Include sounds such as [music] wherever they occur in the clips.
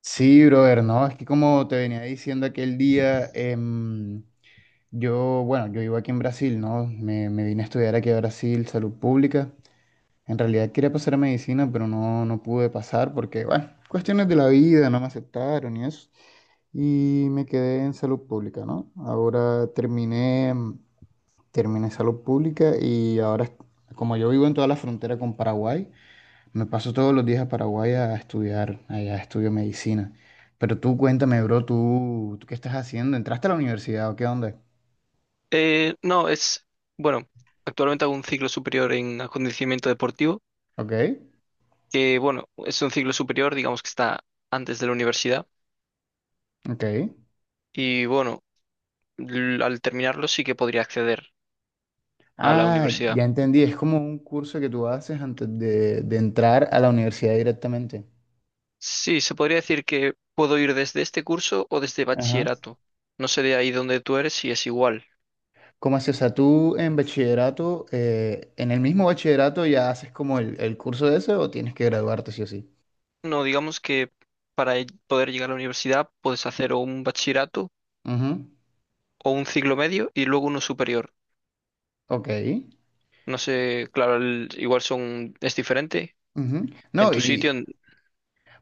Sí, brother, no, es que como te venía diciendo aquel día, bueno, yo vivo aquí en Brasil, ¿no? Me vine a estudiar aquí a Brasil, salud pública. En realidad quería pasar a medicina, pero no, no pude pasar porque, bueno, cuestiones de la vida, no me aceptaron y eso. Y me quedé en salud pública, ¿no? Terminé salud pública y ahora, como yo vivo en toda la frontera con Paraguay, me paso todos los días a Paraguay a estudiar, allá estudio medicina. Pero tú cuéntame, bro, ¿tú qué estás haciendo? ¿Entraste a la universidad o qué onda? No, bueno, actualmente hago un ciclo superior en acondicionamiento deportivo, Ok, que bueno, es un ciclo superior, digamos que está antes de la universidad. ok. Y bueno, al terminarlo sí que podría acceder a la Ah, universidad. ya entendí, es como un curso que tú haces antes de entrar a la universidad directamente. Sí, se podría decir que puedo ir desde este curso o desde Ajá. bachillerato. No sé de ahí donde tú eres si es igual. ¿Cómo así? O sea, tú en bachillerato, en el mismo bachillerato ya haces como el curso ese o tienes que graduarte sí o sí. No, digamos que poder llegar a la universidad puedes hacer o un bachillerato Ujú. o un ciclo medio y luego uno superior. Ok. No sé, claro, igual son, es diferente. Ujú. En No, tu y, sitio, en-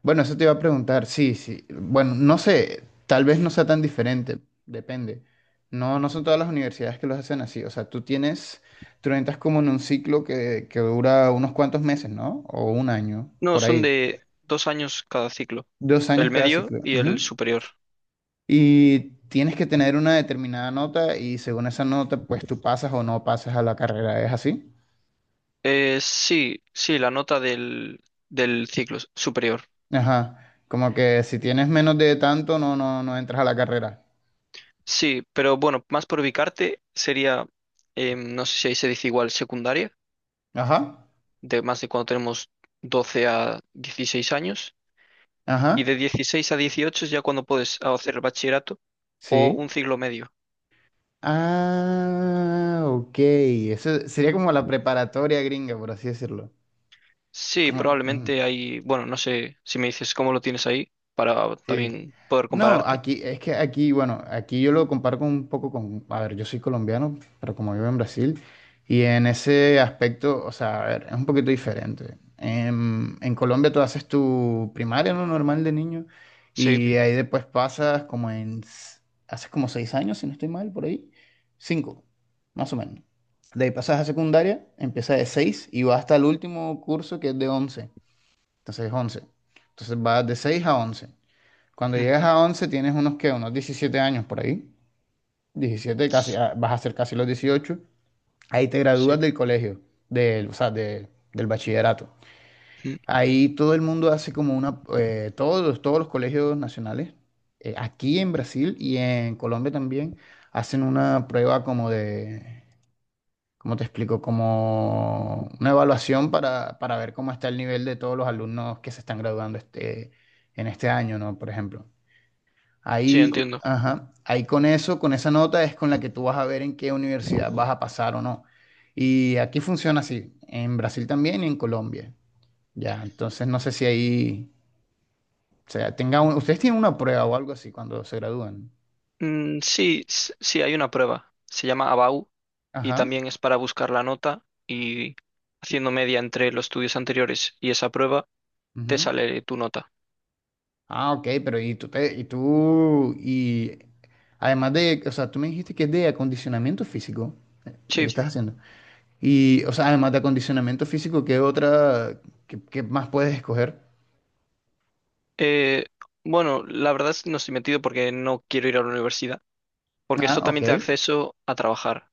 Bueno, eso te iba a preguntar, sí, sí. Bueno, no sé, tal vez no sea tan diferente, depende. No, no son todas las universidades que los hacen así. O sea, tú entras como en un ciclo que dura unos cuantos meses, ¿no? O un año, No, por son ahí. de dos años cada ciclo, 2 años el cada medio ciclo. y el Ujú. superior. Y tienes que tener una determinada nota y según esa nota, pues tú pasas o no pasas a la carrera. ¿Es así? Sí, sí, la nota del ciclo superior. Ajá. Como que si tienes menos de tanto, no, no, no entras a la carrera. Sí, pero bueno, más por ubicarte sería, no sé si ahí se dice igual, secundaria, Ajá. de más de cuando tenemos 12 a 16 años, y de Ajá. 16 a 18 es ya cuando puedes hacer bachillerato o Sí. un ciclo medio. Ah, ok. Eso sería como la preparatoria gringa, por así decirlo. Sí, Sí, probablemente ujú, hay, bueno, no sé si me dices cómo lo tienes ahí para sí. también poder No, compararte. aquí es que aquí yo lo comparo con un poco con, a ver, yo soy colombiano, pero como vivo en Brasil, y en ese aspecto, o sea, a ver, es un poquito diferente. En Colombia tú haces tu primaria, lo normal de niño, Sí. y ahí después pasas haces como 6 años, si no estoy mal, por ahí, cinco, más o menos. De ahí pasas a secundaria, empieza de seis y va hasta el último curso que es de once, entonces es once. Entonces vas de seis a once. Cuando Ujú. llegas a 11 tienes unos 17 años por ahí. 17 casi, S- ah, vas a ser casi los 18. Ahí te gradúas Sí, del colegio, del, o sea, de- del bachillerato. ujú. Ahí todo el mundo hace como todos los colegios nacionales, aquí en Brasil y en Colombia también, hacen una prueba como ¿cómo te explico? Como una evaluación para ver cómo está el nivel de todos los alumnos que se están graduando en este año, ¿no? Por ejemplo. Sí, Ahí, entiendo. ajá, ahí con eso, con esa nota es con la que tú vas a ver en qué universidad vas a pasar o no. Y aquí funciona así, en Brasil también y en Colombia. Ya, entonces no sé si ahí, o sea, ustedes tienen una prueba o algo así cuando se gradúan. Mm, sí, sí, hay una prueba. Se llama ABAU y Ajá. también es para buscar la nota, y haciendo media entre los estudios anteriores y esa prueba te Ujú. sale tu nota. Ah, ok, ¿pero y tú te- y tú, y además de, o sea, tú me dijiste que es de acondicionamiento físico lo que Sí, estás haciendo? Y, o sea, además de acondicionamiento físico, qué más puedes escoger? eh, bueno, la verdad es que no estoy metido porque no quiero ir a la universidad, porque esto Ah, ok. también te da acceso a trabajar.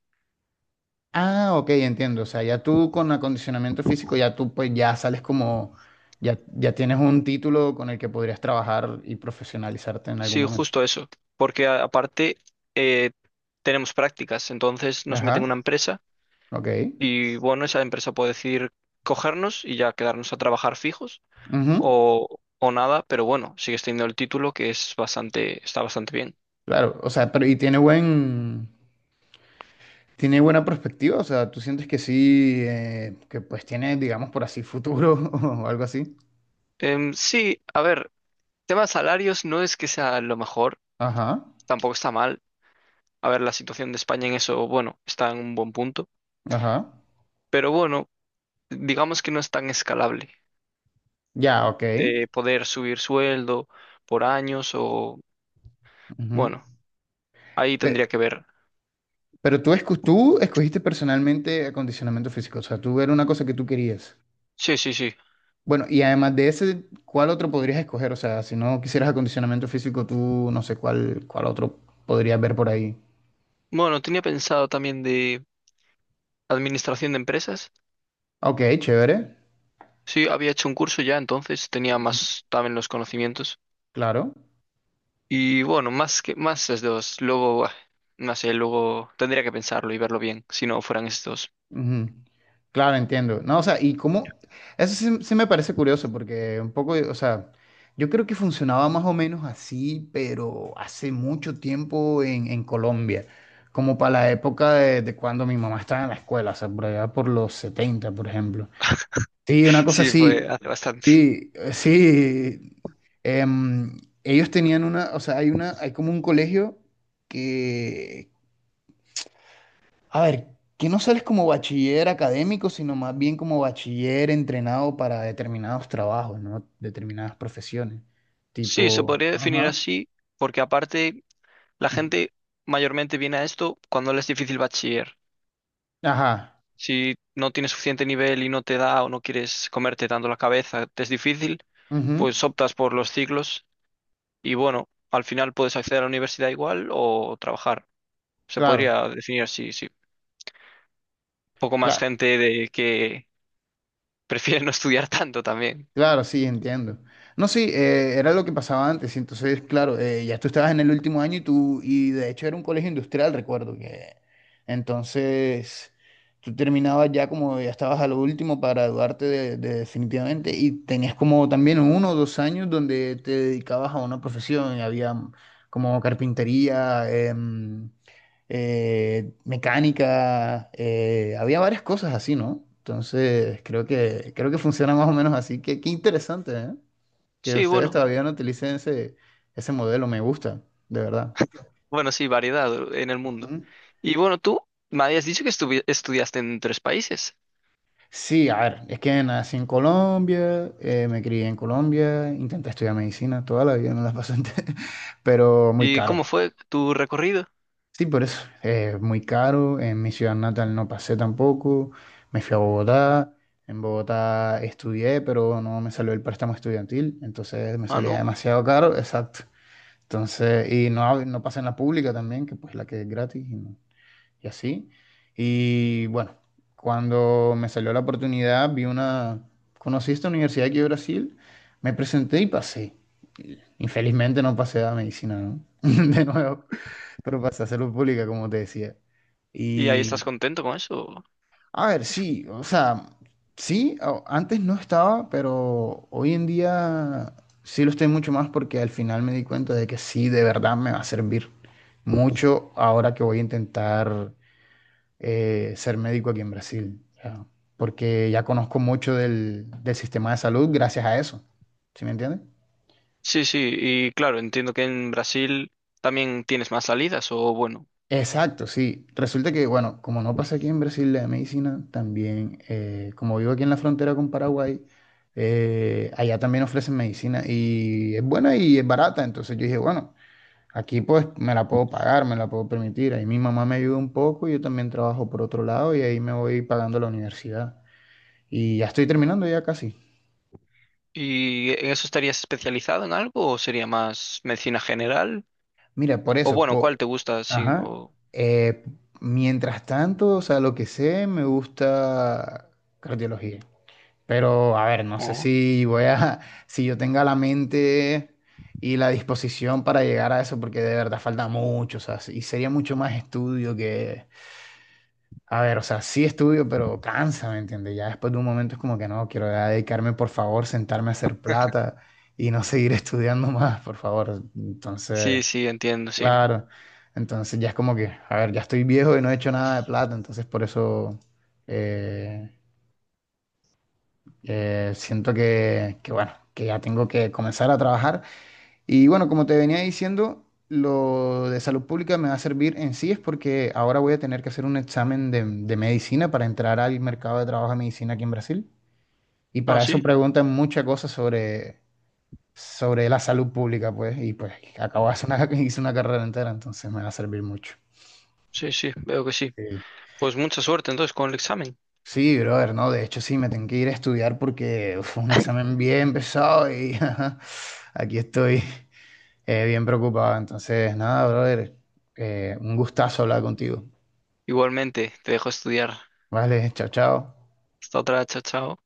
Ah, ok, entiendo. O sea, ya tú con acondicionamiento físico, ya tú pues ya sales ya tienes un título con el que podrías trabajar y profesionalizarte en algún Sí, momento. justo eso, porque aparte eh, tenemos prácticas, entonces nos meten en una Ajá, empresa. ok. Y bueno, esa empresa puede decidir cogernos y ya quedarnos a trabajar fijos, Ujú. O nada, pero bueno, sigues teniendo el título, que es bastante, está bastante bien. Claro, o sea, pero y tiene buena perspectiva, o sea, tú sientes que sí, que pues tiene, digamos, por así futuro [laughs] o algo así. Sí, a ver, tema de salarios no es que sea lo mejor, Ajá, tampoco está mal. A ver, la situación de España en eso, bueno, está en un buen punto, ajá. pero bueno, digamos que no es tan escalable Ya, ok. de poder subir sueldo por años o, Ujú. bueno, ahí Pe- tendría que ver. Tú escogiste personalmente acondicionamiento físico, o sea, tú era una cosa que tú querías. Sí, sí, sí. Bueno, y además de ese, ¿cuál otro podrías escoger? O sea, si no quisieras acondicionamiento físico, tú no sé cuál otro podrías ver por ahí. Bueno, tenía pensado también de administración de empresas. Ok, chévere. Sí, había hecho un curso ya, entonces tenía Ujú. más también los conocimientos. Claro. Y bueno, más que más es dos. Luego, buah, no sé, luego tendría que pensarlo y verlo bien, si no fueran estos. Ujú. Claro, entiendo. No, o sea, y cómo, eso sí, sí me parece curioso porque un poco, o sea, yo creo que funcionaba más o menos así, pero hace mucho tiempo en Colombia, como para la época de cuando mi mamá estaba en la escuela, o sea, por allá por los 70, por ejemplo. Sí, una [laughs] cosa Sí, fue así. hace bastante. Sí, sí. em, Ellos tenían hay hay como un colegio que, a ver, que no sales como bachiller académico, sino más bien como bachiller entrenado para determinados trabajos, ¿no? Determinadas profesiones. Sí, se Tipo, podría definir ajá. así, porque aparte la gente mayormente viene a esto cuando le es difícil bachiller. Ajá. Si no tienes suficiente nivel y no te da o no quieres comerte tanto la cabeza, te es difícil, Ujú. pues optas por los ciclos y bueno, al final puedes acceder a la universidad igual o trabajar. Se Claro, podría definir así, sí. Poco más cla- gente de que [laughs] prefiere no estudiar tanto también. claro, sí, entiendo. No, sí, era lo que pasaba antes. Y entonces, claro, ya tú estabas en el último año y de hecho era un colegio industrial, recuerdo que. Entonces, tú terminabas ya como ya estabas a lo último para graduarte de definitivamente y tenías como también 1 o 2 años donde te dedicabas a una profesión. Había como carpintería, mecánica, había varias cosas así, ¿no? Entonces, creo que funciona más o menos así. Qué, qué interesante, ¿eh? Que Sí, ustedes bueno, todavía no utilicen ese modelo, me gusta, de verdad. bueno, sí, variedad en el mundo. Ujú. Y bueno, tú me habías dicho que estudiaste en tres países. Sí, a ver, es que nací en Colombia, me crié en Colombia, intenté estudiar medicina toda la vida, no la pasé, [laughs] pero muy ¿Y caro. cómo fue tu recorrido? Sí, por eso. Es muy caro. En mi ciudad natal no pasé tampoco. Me fui a Bogotá. En Bogotá estudié, pero no me salió el préstamo estudiantil. Entonces me Ah, salía no. demasiado caro. Exacto. Entonces, y no, no pasé en la pública también, que pues la que es gratis. Y no y así. Y bueno, cuando me salió la oportunidad, conocí esta universidad aquí de Brasil, me presenté y pasé. Infelizmente no pasé a medicina, ¿no? [laughs] De nuevo, pero pasé a salud pública, como te decía. ¿Y ahí estás Y, contento con eso? a ver, sí, o sea, sí, antes no estaba, pero hoy en día sí lo estoy mucho más porque al final me di cuenta de que sí, de verdad me va a servir mucho ahora que voy a intentar ser médico aquí en Brasil, ya, porque ya conozco mucho del sistema de salud gracias a eso, ¿sí me entiendes? Sí, sí, y claro, entiendo que en Brasil también tienes más salidas, o bueno. Exacto, sí. Resulta que, bueno, como no pasa aquí en Brasil la medicina, también, como vivo aquí en la frontera con Paraguay, allá también ofrecen medicina y es buena y es barata, entonces yo dije, bueno, aquí pues me la puedo pagar, me la puedo permitir, ahí mi mamá me ayuda un poco, yo también trabajo por otro lado y ahí me voy pagando la universidad. Y ya estoy terminando ya casi. ¿Y en eso estarías especializado en algo o sería más medicina general? Mira, por O eso, bueno, ¿cuál te gusta? Sí, ajá. Eh, mientras tanto, o sea, lo que sé, me gusta cardiología. Pero, a ver, no sé o- si voy a, [laughs] si yo tenga la mente y la disposición para llegar a eso, porque de verdad falta mucho, o sea, y sería mucho más estudio que, a ver, o sea, sí estudio, pero cansa, ¿me entiendes? Ya después de un momento es como que no, quiero ya dedicarme, por favor, sentarme a hacer plata y no seguir [laughs] estudiando más, por favor. sí, Entonces... sí, entiendo, sí. Claro. Entonces ya es como que, a ver, ya estoy viejo y no he hecho nada de plata, entonces por eso eh, siento bueno, que ya tengo que comenzar a trabajar. Y bueno, como te venía diciendo, lo de salud pública me va a servir en sí, es porque ahora voy a tener que hacer un examen de medicina para entrar al mercado de trabajo de medicina aquí en Brasil. Y Ah, para eso sí, preguntan muchas cosas sobre, sobre la salud pública, pues, y pues acabo de hacer una, [laughs] hice una carrera entera, entonces me va a servir mucho. sí, sí, veo que sí. Sí. Pues mucha suerte entonces con el examen. Sí, brother, no, de hecho sí, me tengo que ir a estudiar porque uf, fue un examen bien pesado y [laughs] ajá, aquí estoy bien preocupado. Entonces, nada, brother, un gustazo hablar contigo. Igualmente, te dejo estudiar. Vale, chao, chao. Hasta otra, chao, chao.